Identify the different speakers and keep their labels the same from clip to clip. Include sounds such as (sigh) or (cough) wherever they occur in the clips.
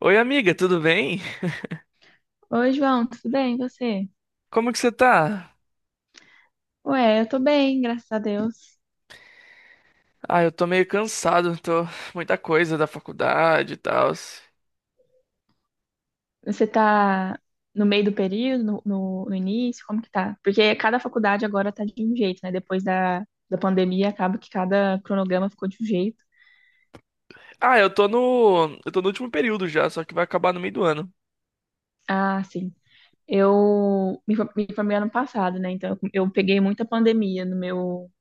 Speaker 1: Oi, amiga, tudo bem?
Speaker 2: Oi, João, tudo bem? E você?
Speaker 1: Como que você tá?
Speaker 2: Ué, eu tô bem, graças a Deus.
Speaker 1: Eu tô meio cansado, tô muita coisa da faculdade e tal.
Speaker 2: Você tá no meio do período, no início? Como que tá? Porque cada faculdade agora tá de um jeito, né? Depois da pandemia, acaba que cada cronograma ficou de um jeito.
Speaker 1: Eu tô no último período já, só que vai acabar no meio do ano.
Speaker 2: Ah, sim. Me formei ano passado, né? Então eu peguei muita pandemia no meu,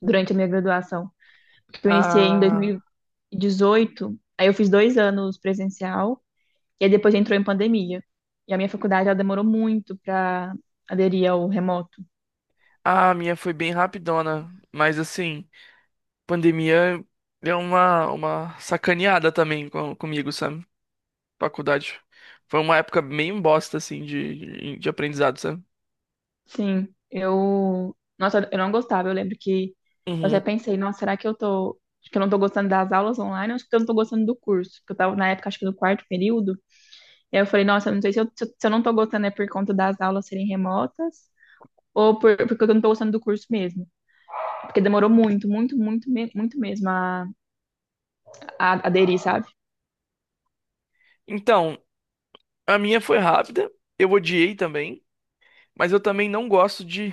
Speaker 2: durante a minha graduação. Porque eu iniciei em
Speaker 1: Ah,
Speaker 2: 2018, aí eu fiz 2 anos presencial. E aí depois entrou em pandemia. E a minha faculdade, ela demorou muito para aderir ao remoto.
Speaker 1: a minha foi bem rapidona, mas assim, pandemia deu uma sacaneada também comigo, sabe? Faculdade. Foi uma época meio bosta assim de aprendizado, sabe?
Speaker 2: Sim, eu... Nossa, eu não gostava. Eu lembro que eu até
Speaker 1: Uhum.
Speaker 2: pensei, nossa, será que eu tô... Que eu não tô gostando das aulas online, ou acho que eu não tô gostando do curso. Porque eu tava, na época, acho que no quarto período. E aí eu falei, nossa, eu não sei se eu não tô gostando é por conta das aulas serem remotas, ou porque eu não tô gostando do curso mesmo. Porque demorou muito, muito, muito mesmo a aderir, sabe?
Speaker 1: Então, a minha foi rápida, eu odiei também, mas eu também não gosto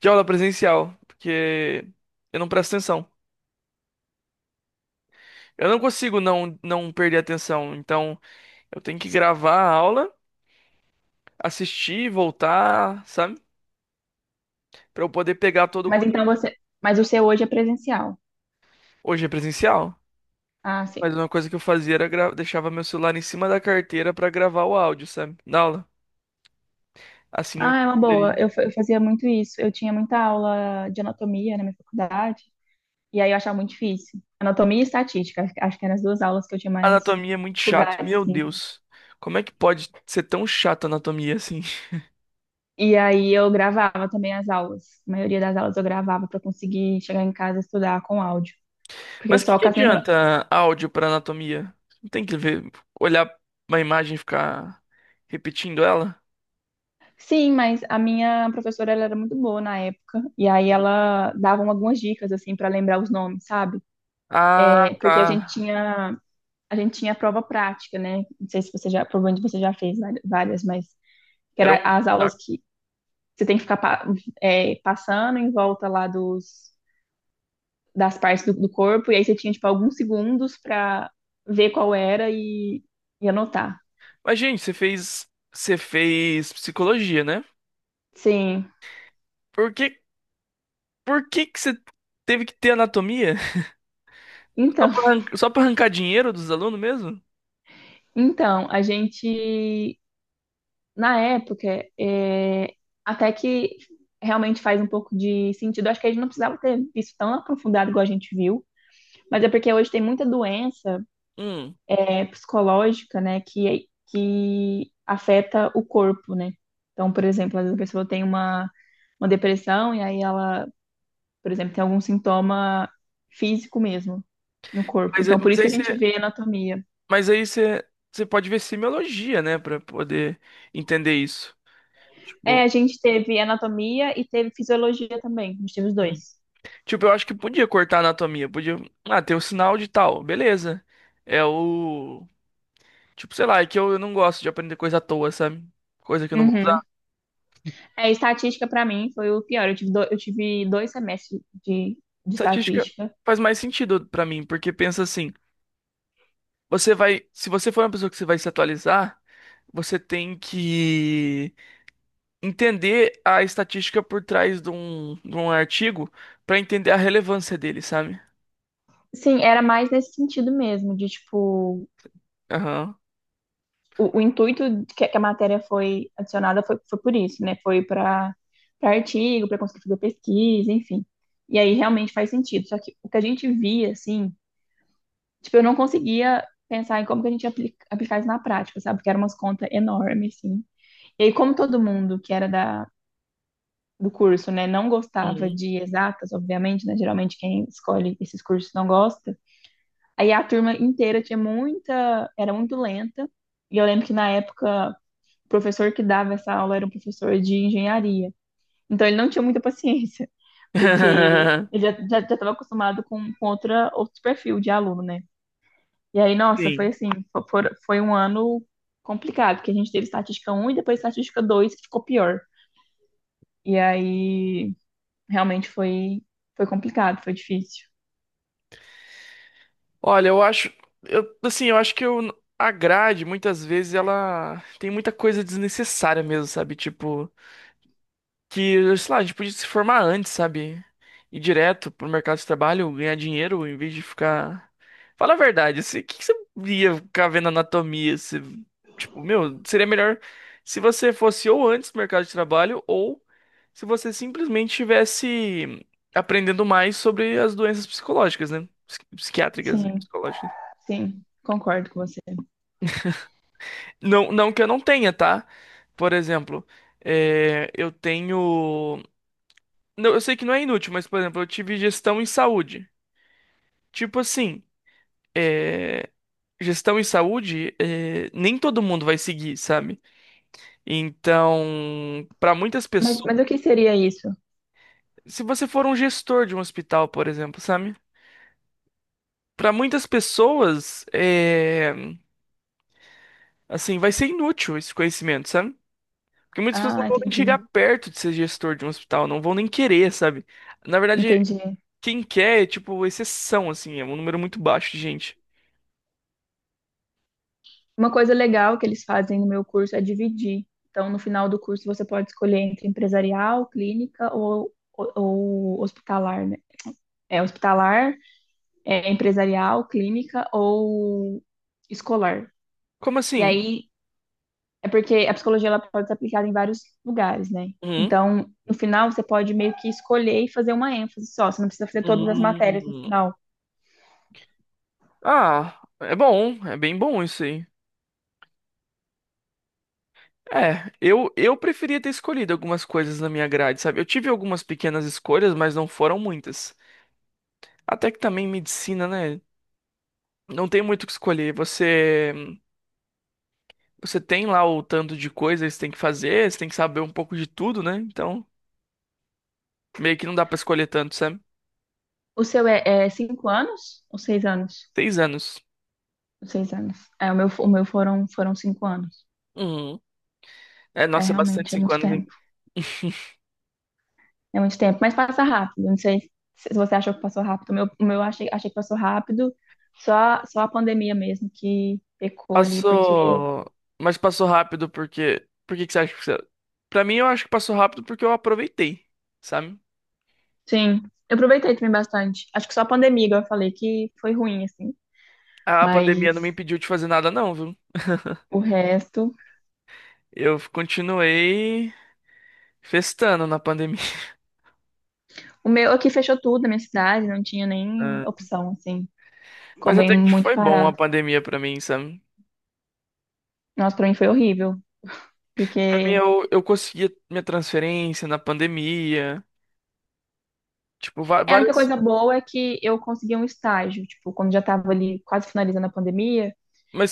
Speaker 1: de aula presencial, porque eu não presto atenção. Eu não consigo não perder a atenção, então eu tenho que gravar a aula, assistir, voltar, sabe? Pra eu poder pegar todo o
Speaker 2: Mas então
Speaker 1: conteúdo.
Speaker 2: você... Mas o seu hoje é presencial.
Speaker 1: Hoje é presencial,
Speaker 2: Ah, sim.
Speaker 1: mas uma coisa que eu fazia era deixava meu celular em cima da carteira pra gravar o áudio, sabe? Na aula. Assim eu
Speaker 2: Ah, é uma boa.
Speaker 1: poderia.
Speaker 2: Eu fazia muito isso. Eu tinha muita aula de anatomia na minha faculdade, e aí eu achava muito difícil. Anatomia e estatística, acho que eram as duas aulas que eu tinha mais
Speaker 1: Anatomia é muito chato.
Speaker 2: dificuldade,
Speaker 1: Meu
Speaker 2: assim.
Speaker 1: Deus. Como é que pode ser tão chato a anatomia assim?
Speaker 2: E aí eu gravava também as aulas. A maioria das aulas eu gravava para conseguir chegar em casa e estudar com áudio. Porque
Speaker 1: Mas o que
Speaker 2: só
Speaker 1: que
Speaker 2: com as minhas...
Speaker 1: adianta áudio pra anatomia? Não tem que ver, olhar uma imagem e ficar repetindo ela?
Speaker 2: Sim, mas a minha professora ela era muito boa na época, e aí
Speaker 1: Sim.
Speaker 2: ela dava algumas dicas assim para lembrar os nomes, sabe?
Speaker 1: Ah,
Speaker 2: É,
Speaker 1: tá.
Speaker 2: porque a gente tinha a prova prática, né? Não sei se você já, provavelmente você já fez várias, mas que
Speaker 1: Era
Speaker 2: era
Speaker 1: um
Speaker 2: as aulas
Speaker 1: saco.
Speaker 2: que você tem que ficar pa- é, passando em volta lá das partes do corpo, e aí você tinha, tipo, alguns segundos para ver qual era e anotar.
Speaker 1: Mas, gente, você fez psicologia, né?
Speaker 2: Sim.
Speaker 1: Por que, por que que você teve que ter anatomia? (laughs) Só
Speaker 2: Então,
Speaker 1: pra, só pra arrancar dinheiro dos alunos mesmo?
Speaker 2: (laughs) então, a gente, na época, é, até que realmente faz um pouco de sentido, acho que a gente não precisava ter visto tão aprofundado igual a gente viu, mas é porque hoje tem muita doença
Speaker 1: Hum.
Speaker 2: é, psicológica, né, que afeta o corpo, né? Então, por exemplo, às vezes a pessoa tem uma depressão e aí ela, por exemplo, tem algum sintoma físico mesmo no corpo.
Speaker 1: Mas, é-
Speaker 2: Então, por
Speaker 1: mas
Speaker 2: isso
Speaker 1: aí
Speaker 2: que a
Speaker 1: você,
Speaker 2: gente vê anatomia.
Speaker 1: mas aí você, você pode ver semiologia, né? Pra poder entender isso.
Speaker 2: É,
Speaker 1: Tipo.
Speaker 2: a gente teve anatomia e teve fisiologia também. A gente teve os dois.
Speaker 1: Tipo, eu acho que podia cortar a anatomia, podia. Ah, tem o sinal de tal, beleza. É o. Tipo, sei lá, é que eu não gosto de aprender coisa à toa, sabe? Coisa que eu não vou usar.
Speaker 2: Uhum. É, estatística para mim foi o pior. Eu tive dois semestres de
Speaker 1: Estatística
Speaker 2: estatística.
Speaker 1: faz mais sentido pra mim, porque pensa assim, você vai. Se você for uma pessoa que você vai se atualizar, você tem que entender a estatística por trás de de um artigo pra entender a relevância dele, sabe?
Speaker 2: Sim, era mais nesse sentido mesmo, de tipo,
Speaker 1: Aham.
Speaker 2: o intuito que a matéria foi adicionada foi, foi por isso, né? Foi para artigo, para conseguir fazer pesquisa, enfim. E aí realmente faz sentido. Só que o que a gente via, assim, tipo, eu não conseguia pensar em como que a gente aplicar isso na prática, sabe? Porque eram umas contas enormes, assim. E aí, como todo mundo que era do curso, né, não gostava
Speaker 1: Uhum.
Speaker 2: de exatas, obviamente, né? Geralmente quem escolhe esses cursos não gosta. Aí a turma inteira tinha muita, era muito lenta. E eu lembro que na época o professor que dava essa aula era um professor de engenharia. Então ele não tinha muita paciência, porque
Speaker 1: (laughs)
Speaker 2: ele já estava acostumado com outra, outro perfil de aluno, né? E aí, nossa, foi
Speaker 1: Sim.
Speaker 2: assim, foi um ano complicado, porque a gente teve estatística um e depois estatística 2 que ficou pior. E aí, realmente foi, foi complicado, foi difícil.
Speaker 1: Olha, eu acho, eu, assim, eu acho a grade, muitas vezes, ela tem muita coisa desnecessária mesmo, sabe? Tipo, que, sei lá, a gente podia se formar antes, sabe? Ir direto pro mercado de trabalho, ganhar dinheiro, em vez de ficar... Fala a verdade, assim, o que que você ia ficar vendo anatomia? Você, tipo, meu, seria melhor se você fosse ou antes do mercado de trabalho, ou se você simplesmente estivesse aprendendo mais sobre as doenças psicológicas, né? Psiquiátricas e
Speaker 2: Sim,
Speaker 1: psicológicas.
Speaker 2: sim, concordo com você.
Speaker 1: Não, não que eu não tenha, tá? Por exemplo, é, eu tenho. Não, eu sei que não é inútil, mas, por exemplo, eu tive gestão em saúde. Tipo assim, é, gestão em saúde, é, nem todo mundo vai seguir, sabe? Então, pra muitas pessoas.
Speaker 2: Mas o que seria isso?
Speaker 1: Se você for um gestor de um hospital, por exemplo, sabe? Pra muitas pessoas, é, assim, vai ser inútil esse conhecimento, sabe? Porque muitas pessoas não
Speaker 2: Ah,
Speaker 1: vão nem chegar
Speaker 2: entendi,
Speaker 1: perto de ser gestor de um hospital, não vão nem querer, sabe? Na verdade,
Speaker 2: entendi.
Speaker 1: quem quer é, tipo, exceção, assim, é um número muito baixo de gente.
Speaker 2: Uma coisa legal que eles fazem no meu curso é dividir. Então, no final do curso, você pode escolher entre empresarial, clínica ou hospitalar, né? É hospitalar, é empresarial, clínica ou escolar.
Speaker 1: Como
Speaker 2: E
Speaker 1: assim?
Speaker 2: aí, é porque a psicologia ela pode ser aplicada em vários lugares, né?
Speaker 1: Hum,
Speaker 2: Então, no final, você pode meio que escolher e fazer uma ênfase só. Você não precisa fazer todas as matérias no
Speaker 1: hum.
Speaker 2: final.
Speaker 1: Ah, é bom, é bem bom isso aí. É, eu preferia ter escolhido algumas coisas na minha grade, sabe? Eu tive algumas pequenas escolhas, mas não foram muitas. Até que também medicina, né? Não tem muito o que escolher. Você, você tem lá o tanto de coisas que você tem que fazer, você tem que saber um pouco de tudo, né? Então, meio que não dá pra escolher tanto, sabe?
Speaker 2: O seu é, é 5 anos ou 6 anos?
Speaker 1: 6 anos.
Speaker 2: 6 anos. É, o meu foram, foram 5 anos.
Speaker 1: Uhum. É,
Speaker 2: É
Speaker 1: nossa, é bastante
Speaker 2: realmente, é
Speaker 1: cinco
Speaker 2: muito
Speaker 1: anos, hein?
Speaker 2: tempo. É muito tempo, mas passa rápido. Não sei se você achou que passou rápido. O meu eu achei, achei que passou rápido. Só a pandemia mesmo que pecou ali, porque.
Speaker 1: Passou. Mas passou rápido porque. Por que que você acha que você. Pra mim, eu acho que passou rápido porque eu aproveitei, sabe?
Speaker 2: Sim, eu aproveitei também bastante. Acho que só a pandemia, igual eu falei, que foi ruim, assim.
Speaker 1: A pandemia não me
Speaker 2: Mas
Speaker 1: impediu de fazer nada, não, viu?
Speaker 2: o resto.
Speaker 1: Eu continuei festando na pandemia. (laughs)
Speaker 2: O meu aqui fechou tudo na minha cidade, não tinha nem
Speaker 1: Ah.
Speaker 2: opção, assim. Ficou
Speaker 1: Mas
Speaker 2: bem
Speaker 1: até que
Speaker 2: muito
Speaker 1: foi bom a
Speaker 2: parado.
Speaker 1: pandemia pra mim, sabe?
Speaker 2: Nossa, pra mim foi horrível,
Speaker 1: Pra mim,
Speaker 2: porque.
Speaker 1: eu consegui minha transferência na pandemia. Tipo,
Speaker 2: É, a única
Speaker 1: várias.
Speaker 2: coisa boa é que eu consegui um estágio, tipo, quando já tava ali quase finalizando a pandemia.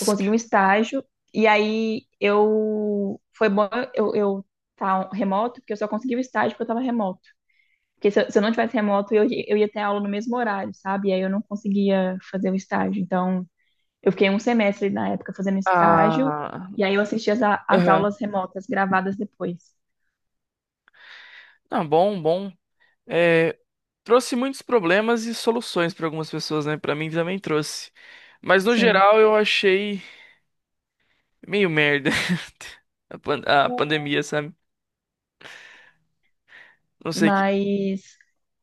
Speaker 2: Eu consegui um estágio, e aí eu. Foi bom eu tá remoto, porque eu só consegui o estágio porque eu tava remoto. Porque se eu não tivesse remoto, eu ia ter aula no mesmo horário, sabe? E aí eu não conseguia fazer o estágio. Então, eu fiquei um semestre na época fazendo estágio,
Speaker 1: Ah.
Speaker 2: e aí eu assisti as
Speaker 1: Aham.
Speaker 2: aulas remotas gravadas depois.
Speaker 1: Não, bom, bom. É trouxe muitos problemas e soluções pra algumas pessoas, né? Pra mim também trouxe. Mas no
Speaker 2: Sim.
Speaker 1: geral eu achei meio merda (laughs) a pandemia, sabe? Não sei que.
Speaker 2: Mas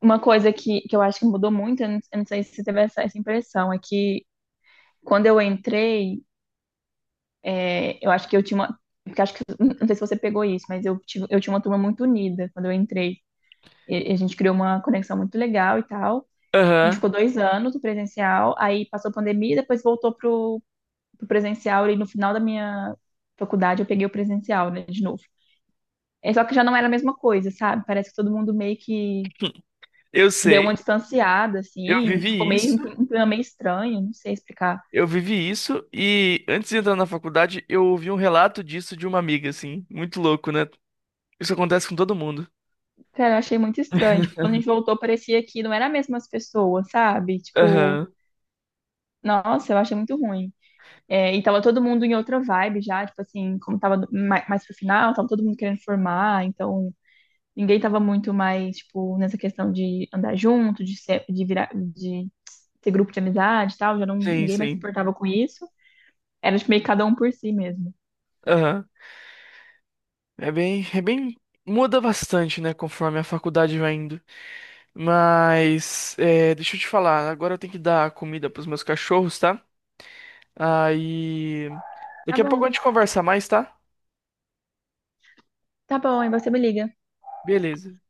Speaker 2: uma coisa que eu acho que mudou muito, eu não sei se você teve essa impressão, é que quando eu entrei, é, eu acho que eu tinha uma. Porque acho que, não sei se você pegou isso, mas eu tinha uma turma muito unida quando eu entrei. E a gente criou uma conexão muito legal e tal. A gente
Speaker 1: Aham,
Speaker 2: ficou 2 anos no presencial, aí passou a pandemia, depois voltou pro presencial e no final da minha faculdade eu peguei o presencial, né, de novo. É só que já não era a mesma coisa, sabe? Parece que todo mundo meio que
Speaker 1: eu
Speaker 2: deu uma
Speaker 1: sei.
Speaker 2: distanciada,
Speaker 1: Eu
Speaker 2: assim, ficou
Speaker 1: vivi
Speaker 2: meio um
Speaker 1: isso.
Speaker 2: clima meio estranho, não sei explicar.
Speaker 1: Eu vivi isso e antes de entrar na faculdade eu ouvi um relato disso de uma amiga, assim, muito louco, né? Isso acontece com todo mundo.
Speaker 2: Cara, eu achei muito estranho. Tipo, quando a gente voltou, parecia que não eram as mesmas pessoas, sabe? Tipo,
Speaker 1: Aham,
Speaker 2: nossa, eu achei muito ruim. É, e tava todo mundo em outra vibe já, tipo assim, como tava mais pro final, tava todo mundo querendo formar, então ninguém tava muito mais, tipo, nessa questão de andar junto, de ser, de virar, de ser grupo de amizade e tal, já não,
Speaker 1: sim,
Speaker 2: ninguém mais se
Speaker 1: sim.
Speaker 2: importava com isso. Era, tipo, meio que cada um por si mesmo.
Speaker 1: Aham. É bem, muda bastante, né, conforme a faculdade vai indo. Mas, é, deixa eu te falar, agora eu tenho que dar comida pros meus cachorros, tá? Aí.
Speaker 2: Tá
Speaker 1: Daqui a pouco
Speaker 2: bom,
Speaker 1: a gente conversa mais, tá?
Speaker 2: tá bom, aí você me liga.
Speaker 1: Beleza.